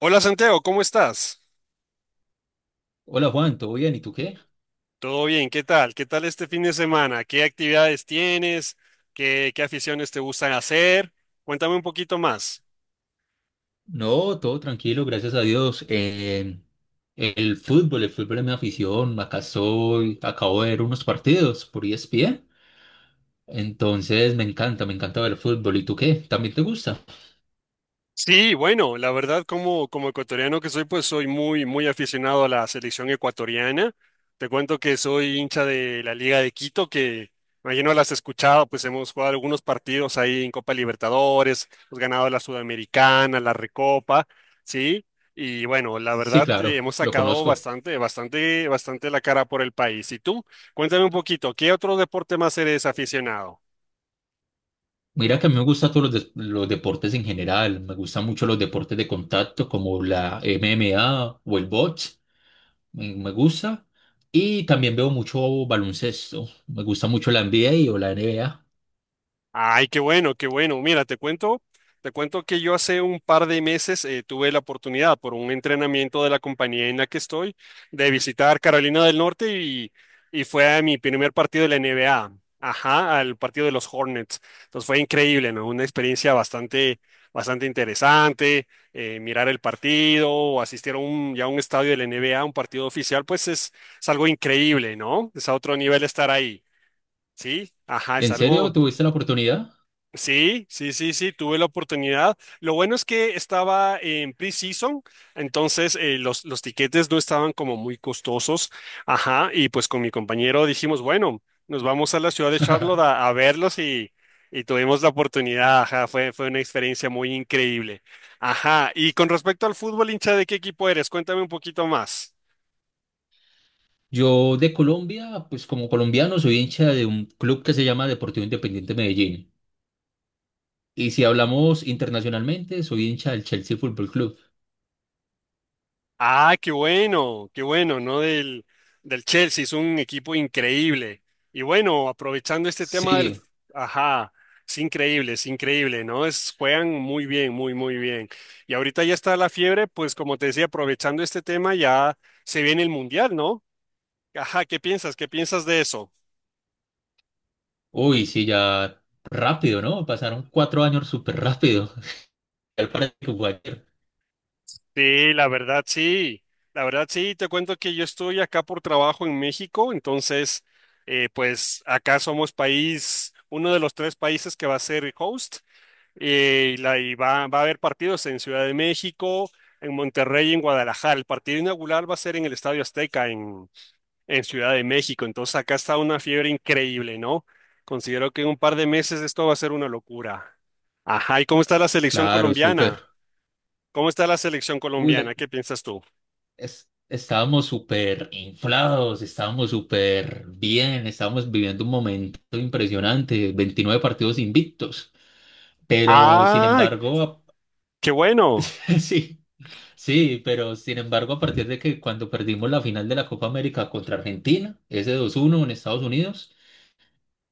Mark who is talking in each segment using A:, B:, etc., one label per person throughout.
A: Hola Santiago, ¿cómo estás?
B: Hola Juan, ¿todo bien? ¿Y tú qué?
A: ¿Todo bien? ¿Qué tal? ¿Qué tal este fin de semana? ¿Qué actividades tienes? ¿Qué aficiones te gustan hacer? Cuéntame un poquito más.
B: No, todo tranquilo, gracias a Dios. El fútbol, el fútbol es mi afición. Acá estoy, acabo de ver unos partidos por ESPN. Entonces me encanta ver el fútbol. ¿Y tú qué? ¿También te gusta?
A: Sí, bueno, la verdad como ecuatoriano que soy, pues soy muy, muy aficionado a la selección ecuatoriana. Te cuento que soy hincha de la Liga de Quito, que imagino las has escuchado, pues hemos jugado algunos partidos ahí en Copa Libertadores, hemos ganado la Sudamericana, la Recopa, ¿sí? Y bueno, la
B: Sí,
A: verdad
B: claro,
A: hemos
B: lo
A: sacado
B: conozco.
A: bastante, bastante, bastante la cara por el país. ¿Y tú? Cuéntame un poquito, ¿qué otro deporte más eres aficionado?
B: Mira que a mí me gustan los deportes en general. Me gustan mucho los deportes de contacto como la MMA o el box. Me gusta. Y también veo mucho baloncesto. Me gusta mucho la NBA o la NBA.
A: Ay, qué bueno, qué bueno. Mira, te cuento que yo hace un par de meses tuve la oportunidad por un entrenamiento de la compañía en la que estoy de visitar Carolina del Norte y fue a mi primer partido de la NBA, ajá, al partido de los Hornets. Entonces fue increíble, ¿no? Una experiencia bastante, bastante interesante. Mirar el partido o asistir a ya a un estadio de la NBA, un partido oficial, es algo increíble, ¿no? Es a otro nivel estar ahí. Sí, ajá, es
B: ¿En serio
A: algo.
B: tuviste la oportunidad?
A: Sí, sí, sí, sí, tuve la oportunidad. Lo bueno es que estaba en pre-season, entonces los tiquetes no estaban como muy costosos. Ajá, y pues con mi compañero dijimos, bueno, nos vamos a la ciudad de Charlotte a verlos y tuvimos la oportunidad. Ajá, fue una experiencia muy increíble. Ajá, y con respecto al fútbol, hincha, ¿de qué equipo eres? Cuéntame un poquito más.
B: Yo de Colombia, pues como colombiano soy hincha de un club que se llama Deportivo Independiente Medellín. Y si hablamos internacionalmente, soy hincha del Chelsea Fútbol Club.
A: Ah, qué bueno, ¿no? Del Chelsea, es un equipo increíble. Y bueno, aprovechando este tema del...
B: Sí,
A: Ajá, es increíble, ¿no? Es, juegan muy bien, muy, muy bien. Y ahorita ya está la fiebre, pues como te decía, aprovechando este tema, ya se viene el Mundial, ¿no? Ajá, ¿qué piensas? ¿Qué piensas de eso?
B: uy, sí, ya rápido, ¿no? Pasaron cuatro años súper rápido. Al parecer que fue ayer.
A: Sí, la verdad sí, la verdad sí, te cuento que yo estoy acá por trabajo en México, entonces pues acá somos país, uno de los tres países que va a ser host va a haber partidos en Ciudad de México, en Monterrey y en Guadalajara. El partido inaugural va a ser en el Estadio Azteca en Ciudad de México, entonces acá está una fiebre increíble, ¿no? Considero que en un par de meses esto va a ser una locura. Ajá, ¿y cómo está la selección
B: Claro, súper.
A: colombiana? ¿Cómo está la selección
B: Uy, la-
A: colombiana? ¿Qué piensas tú?
B: Estábamos súper inflados, estábamos súper bien, estábamos viviendo un momento impresionante, 29 partidos invictos. Pero sin
A: Ah,
B: embargo,
A: qué bueno.
B: sí, sí, pero sin embargo, a partir de que cuando perdimos la final de la Copa América contra Argentina, ese dos uno en Estados Unidos,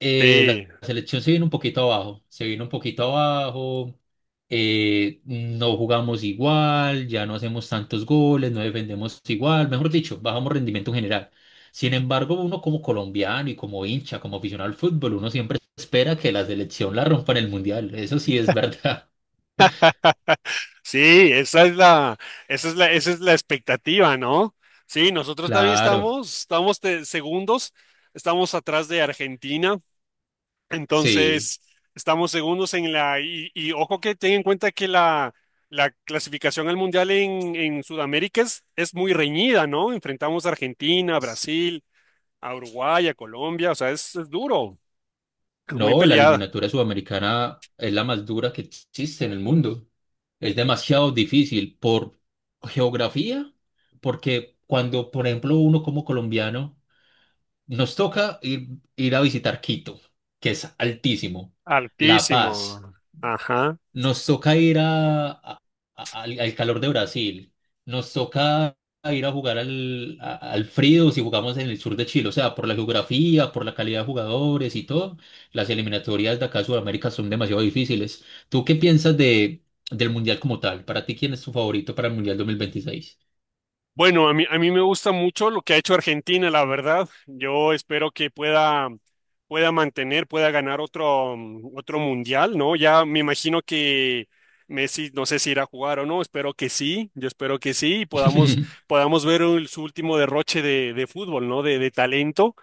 B: la
A: Sí,
B: selección se vino un poquito abajo, se vino un poquito abajo, no jugamos igual, ya no hacemos tantos goles, no defendemos igual, mejor dicho, bajamos rendimiento en general. Sin embargo, uno como colombiano y como hincha, como aficionado al fútbol, uno siempre espera que la selección la rompa en el mundial, eso sí es verdad,
A: sí, esa es la, esa es la, esa es la expectativa, ¿no? Sí, nosotros también
B: claro,
A: estamos, estamos de segundos, estamos atrás de Argentina,
B: sí.
A: entonces estamos segundos en la. Y ojo que ten en cuenta que la clasificación al mundial en Sudamérica es muy reñida, ¿no? Enfrentamos a Argentina, a Brasil, a Uruguay, a Colombia, o sea, es duro, es muy
B: No, la
A: peleada.
B: eliminatoria sudamericana es la más dura que existe en el mundo. Es demasiado difícil por geografía, porque cuando, por ejemplo, uno como colombiano, nos toca ir a visitar Quito, que es altísimo, La Paz,
A: Altísimo. Ajá.
B: nos toca ir al calor de Brasil. Nos toca ir a jugar al frío si jugamos en el sur de Chile. O sea, por la geografía, por la calidad de jugadores y todo, las eliminatorias de acá a Sudamérica son demasiado difíciles. ¿Tú qué piensas del Mundial como tal? ¿Para ti quién es tu favorito para el Mundial 2026?
A: Bueno, a mí me gusta mucho lo que ha hecho Argentina, la verdad. Yo espero que pueda mantener, pueda ganar otro, otro mundial, ¿no? Ya me imagino que Messi, no sé si irá a jugar o no, espero que sí, yo espero que sí, y podamos ver su último derroche de fútbol, ¿no? De talento.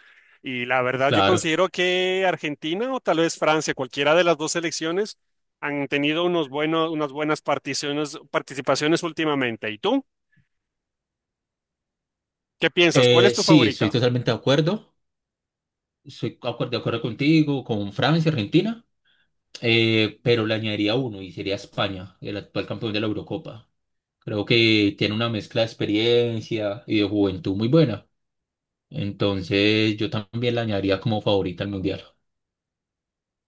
A: Y la verdad, yo
B: Claro.
A: considero que Argentina o tal vez Francia, cualquiera de las dos selecciones, han tenido unos buenos, unas buenas particiones, participaciones últimamente. ¿Y tú? ¿Qué piensas? ¿Cuál es tu
B: Sí, estoy
A: favorita?
B: totalmente de acuerdo. Estoy de acuerdo contigo, con Francia, Argentina. Pero le añadiría uno y sería España, el actual campeón de la Eurocopa. Creo que tiene una mezcla de experiencia y de juventud muy buena. Entonces yo también la añadiría como favorita al Mundial.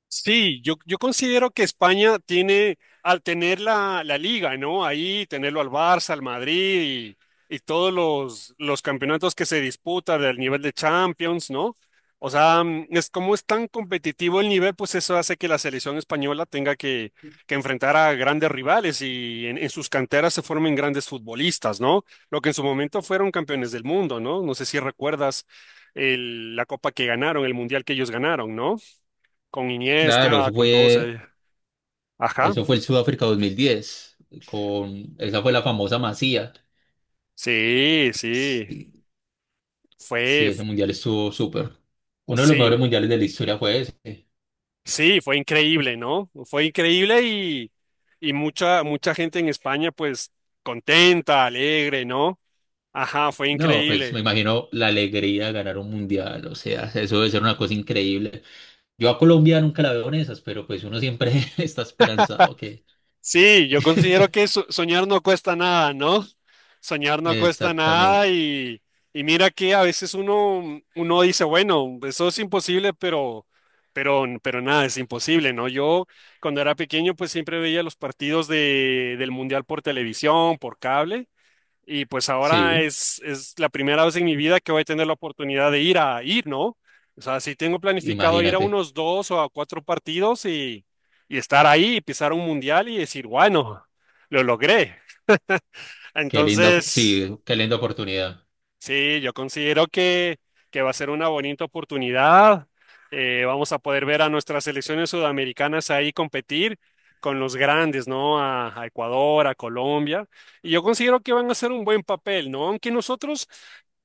A: Sí, yo considero que España tiene, al tener la liga, ¿no? Ahí tenerlo al Barça, al Madrid y todos los campeonatos que se disputan del nivel de Champions, ¿no? O sea, es como es tan competitivo el nivel, pues eso hace que la selección española tenga que enfrentar a grandes rivales y en sus canteras se formen grandes futbolistas, ¿no? Lo que en su momento fueron campeones del mundo, ¿no? No sé si recuerdas la copa que ganaron, el mundial que ellos ganaron, ¿no? Con
B: Claro,
A: Iniesta, con todos ellos. Ajá.
B: eso fue el Sudáfrica 2010, con, esa fue la famosa Masía.
A: Sí, sí.
B: Sí, sí,
A: Fue,
B: ese Mundial estuvo súper. Uno de los
A: sí,
B: mejores mundiales de la historia fue ese.
A: sí, fue increíble, ¿no? Fue increíble y mucha, mucha gente en España, pues, contenta, alegre, ¿no? Ajá, fue
B: No, pues me
A: increíble.
B: imagino la alegría de ganar un mundial, o sea, eso debe ser una cosa increíble. Yo a Colombia nunca la veo en esas, pero pues uno siempre está esperanzado que...
A: Sí, yo considero que soñar no cuesta nada, ¿no? Soñar no cuesta nada
B: Exactamente.
A: y mira que a veces uno dice, bueno, eso es imposible, pero nada, es imposible, ¿no? Yo cuando era pequeño pues siempre veía los partidos del Mundial por televisión, por cable. Y pues ahora
B: Sí,
A: es la primera vez en mi vida que voy a tener la oportunidad de ir a ir, ¿no? O sea, sí tengo planificado ir a
B: imagínate.
A: unos dos o a cuatro partidos y estar ahí y pisar un mundial y decir, bueno, lo logré. Entonces,
B: Sí, qué linda oportunidad.
A: sí, yo considero que va a ser una bonita oportunidad. Vamos a poder ver a nuestras selecciones sudamericanas ahí competir con los grandes, ¿no? A Ecuador, a Colombia. Y yo considero que van a hacer un buen papel, ¿no? Aunque nosotros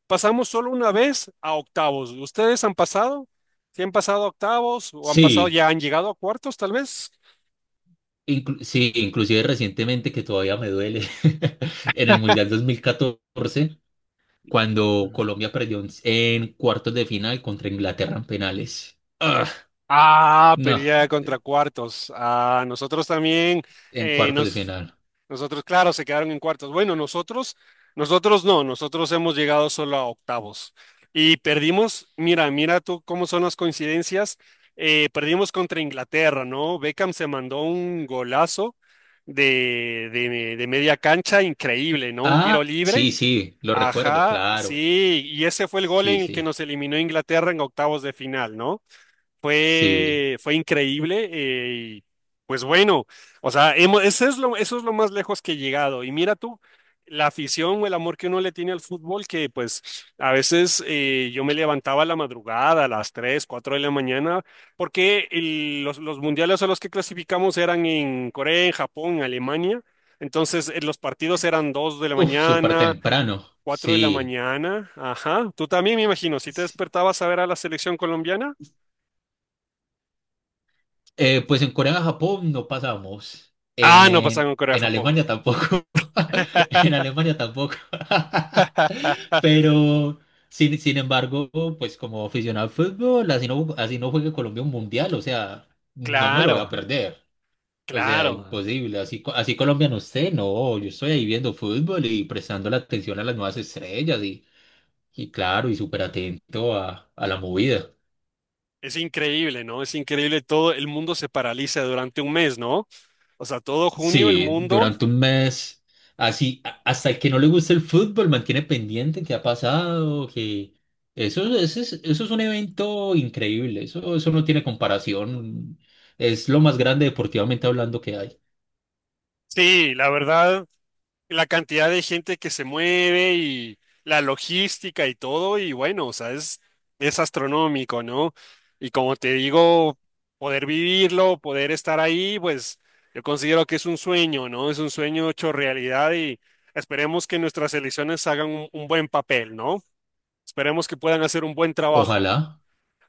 A: pasamos solo una vez a octavos. ¿Ustedes han pasado? ¿Sí han pasado a octavos o han pasado,
B: Sí,
A: ya han llegado a cuartos, tal vez?
B: sí, inclusive recientemente que todavía me duele, en el Mundial 2014 cuando Colombia perdió en cuartos de final contra Inglaterra en penales. Ah,
A: Ah,
B: no,
A: pelea
B: eh,
A: contra cuartos. Ah, nosotros también,
B: en
A: eh,
B: cuartos de
A: nos,
B: final.
A: nosotros, claro, se quedaron en cuartos. Bueno, nosotros no, nosotros hemos llegado solo a octavos. Y perdimos, mira, mira tú cómo son las coincidencias. Perdimos contra Inglaterra, ¿no? Beckham se mandó un golazo de media cancha, increíble, ¿no? Un tiro
B: Ah,
A: libre.
B: sí, sí, lo recuerdo,
A: Ajá,
B: claro.
A: sí, y ese fue el gol
B: Sí,
A: en el que
B: sí,
A: nos eliminó Inglaterra en octavos de final, ¿no?
B: sí.
A: Fue increíble y pues bueno, o sea, hemos, eso es lo más lejos que he llegado. Y mira tú, la afición o el amor que uno le tiene al fútbol, que pues a veces yo me levantaba a la madrugada, a las 3, 4 de la mañana, porque los mundiales a los que clasificamos eran en Corea, en Japón, en Alemania. Entonces, los partidos eran 2 de la
B: Uf, súper
A: mañana,
B: temprano,
A: 4 de la
B: sí.
A: mañana. Ajá, tú también me imagino, si te
B: S-
A: despertabas a ver a la selección colombiana.
B: pues en Corea, Japón no pasamos.
A: Ah, no pasa con
B: En
A: Corea-Japón.
B: Alemania tampoco. En Alemania tampoco. Pero, sin embargo, pues como aficionado al fútbol, así no juegue Colombia un mundial, o sea, no me lo voy a
A: Claro,
B: perder. O sea,
A: claro.
B: imposible. Así, así Colombia no esté, no. Yo estoy ahí viendo fútbol y prestando la atención a las nuevas estrellas y claro, y súper atento a la movida.
A: Es increíble, ¿no? Es increíble. Todo el mundo se paraliza durante un mes, ¿no? O sea, todo junio el
B: Sí,
A: mundo.
B: durante un mes, hasta el que no le gusta el fútbol, mantiene pendiente qué ha pasado, que eso es un evento increíble, eso no tiene comparación, es lo más grande deportivamente hablando que hay.
A: Sí, la verdad, la cantidad de gente que se mueve y la logística y todo, y bueno, o sea, es astronómico, ¿no? Y como te digo, poder vivirlo, poder estar ahí, pues yo considero que es un sueño, ¿no? Es un sueño hecho realidad y esperemos que nuestras elecciones hagan un buen papel, ¿no? Esperemos que puedan hacer un buen trabajo.
B: Ojalá,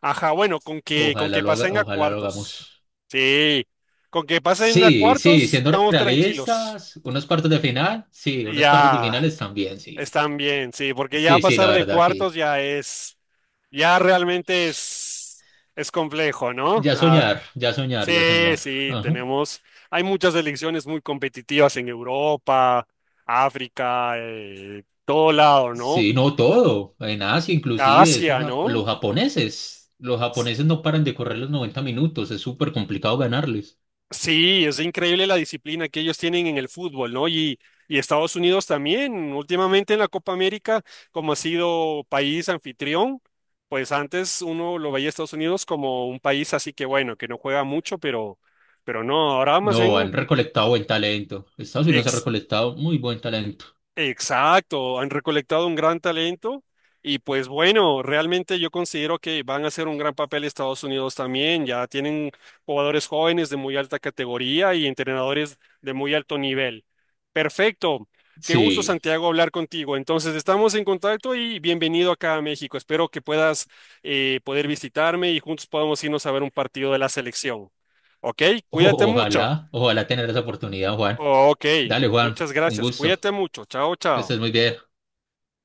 A: Ajá, bueno, con
B: ojalá
A: que
B: lo haga,
A: pasen a
B: ojalá lo
A: cuartos.
B: hagamos.
A: Sí, con que pasen a
B: Sí, sí,
A: cuartos,
B: siendo
A: estamos tranquilos.
B: realistas, unos cuartos de final, sí, unos cuartos de
A: Ya.
B: finales también, sí.
A: Están bien, sí, porque ya
B: Sí, sí, la
A: pasar de
B: verdad,
A: cuartos
B: sí.
A: ya es, ya realmente es complejo, ¿no?
B: Ya
A: Ah,
B: soñar, ya soñar, ya
A: sí,
B: soñar.
A: sí,
B: Ajá.
A: tenemos, hay muchas elecciones muy competitivas en Europa, África, todo lado, ¿no?
B: Sí, no todo, en Asia inclusive,
A: Asia, ¿no?
B: los japoneses no paran de correr los 90 minutos, es súper complicado ganarles.
A: Sí, es increíble la disciplina que ellos tienen en el fútbol, ¿no? Y Estados Unidos también, últimamente en la Copa América, como ha sido país anfitrión, pues antes uno lo veía a Estados Unidos como un país así que bueno, que no juega mucho, pero no, ahora más
B: No,
A: bien.
B: han recolectado buen talento. Estados Unidos ha recolectado muy buen talento.
A: Exacto, han recolectado un gran talento y pues bueno, realmente yo considero que van a hacer un gran papel Estados Unidos también, ya tienen jugadores jóvenes de muy alta categoría y entrenadores de muy alto nivel. Perfecto, qué gusto
B: Sí,
A: Santiago hablar contigo. Entonces estamos en contacto y bienvenido acá a México. Espero que puedas poder visitarme y juntos podamos irnos a ver un partido de la selección. ¿Ok? Cuídate
B: o-
A: mucho.
B: ojalá, ojalá tener esa oportunidad, Juan.
A: Ok,
B: Dale, Juan,
A: muchas
B: un
A: gracias.
B: gusto,
A: Cuídate mucho. Chao,
B: que
A: chao.
B: estés muy bien.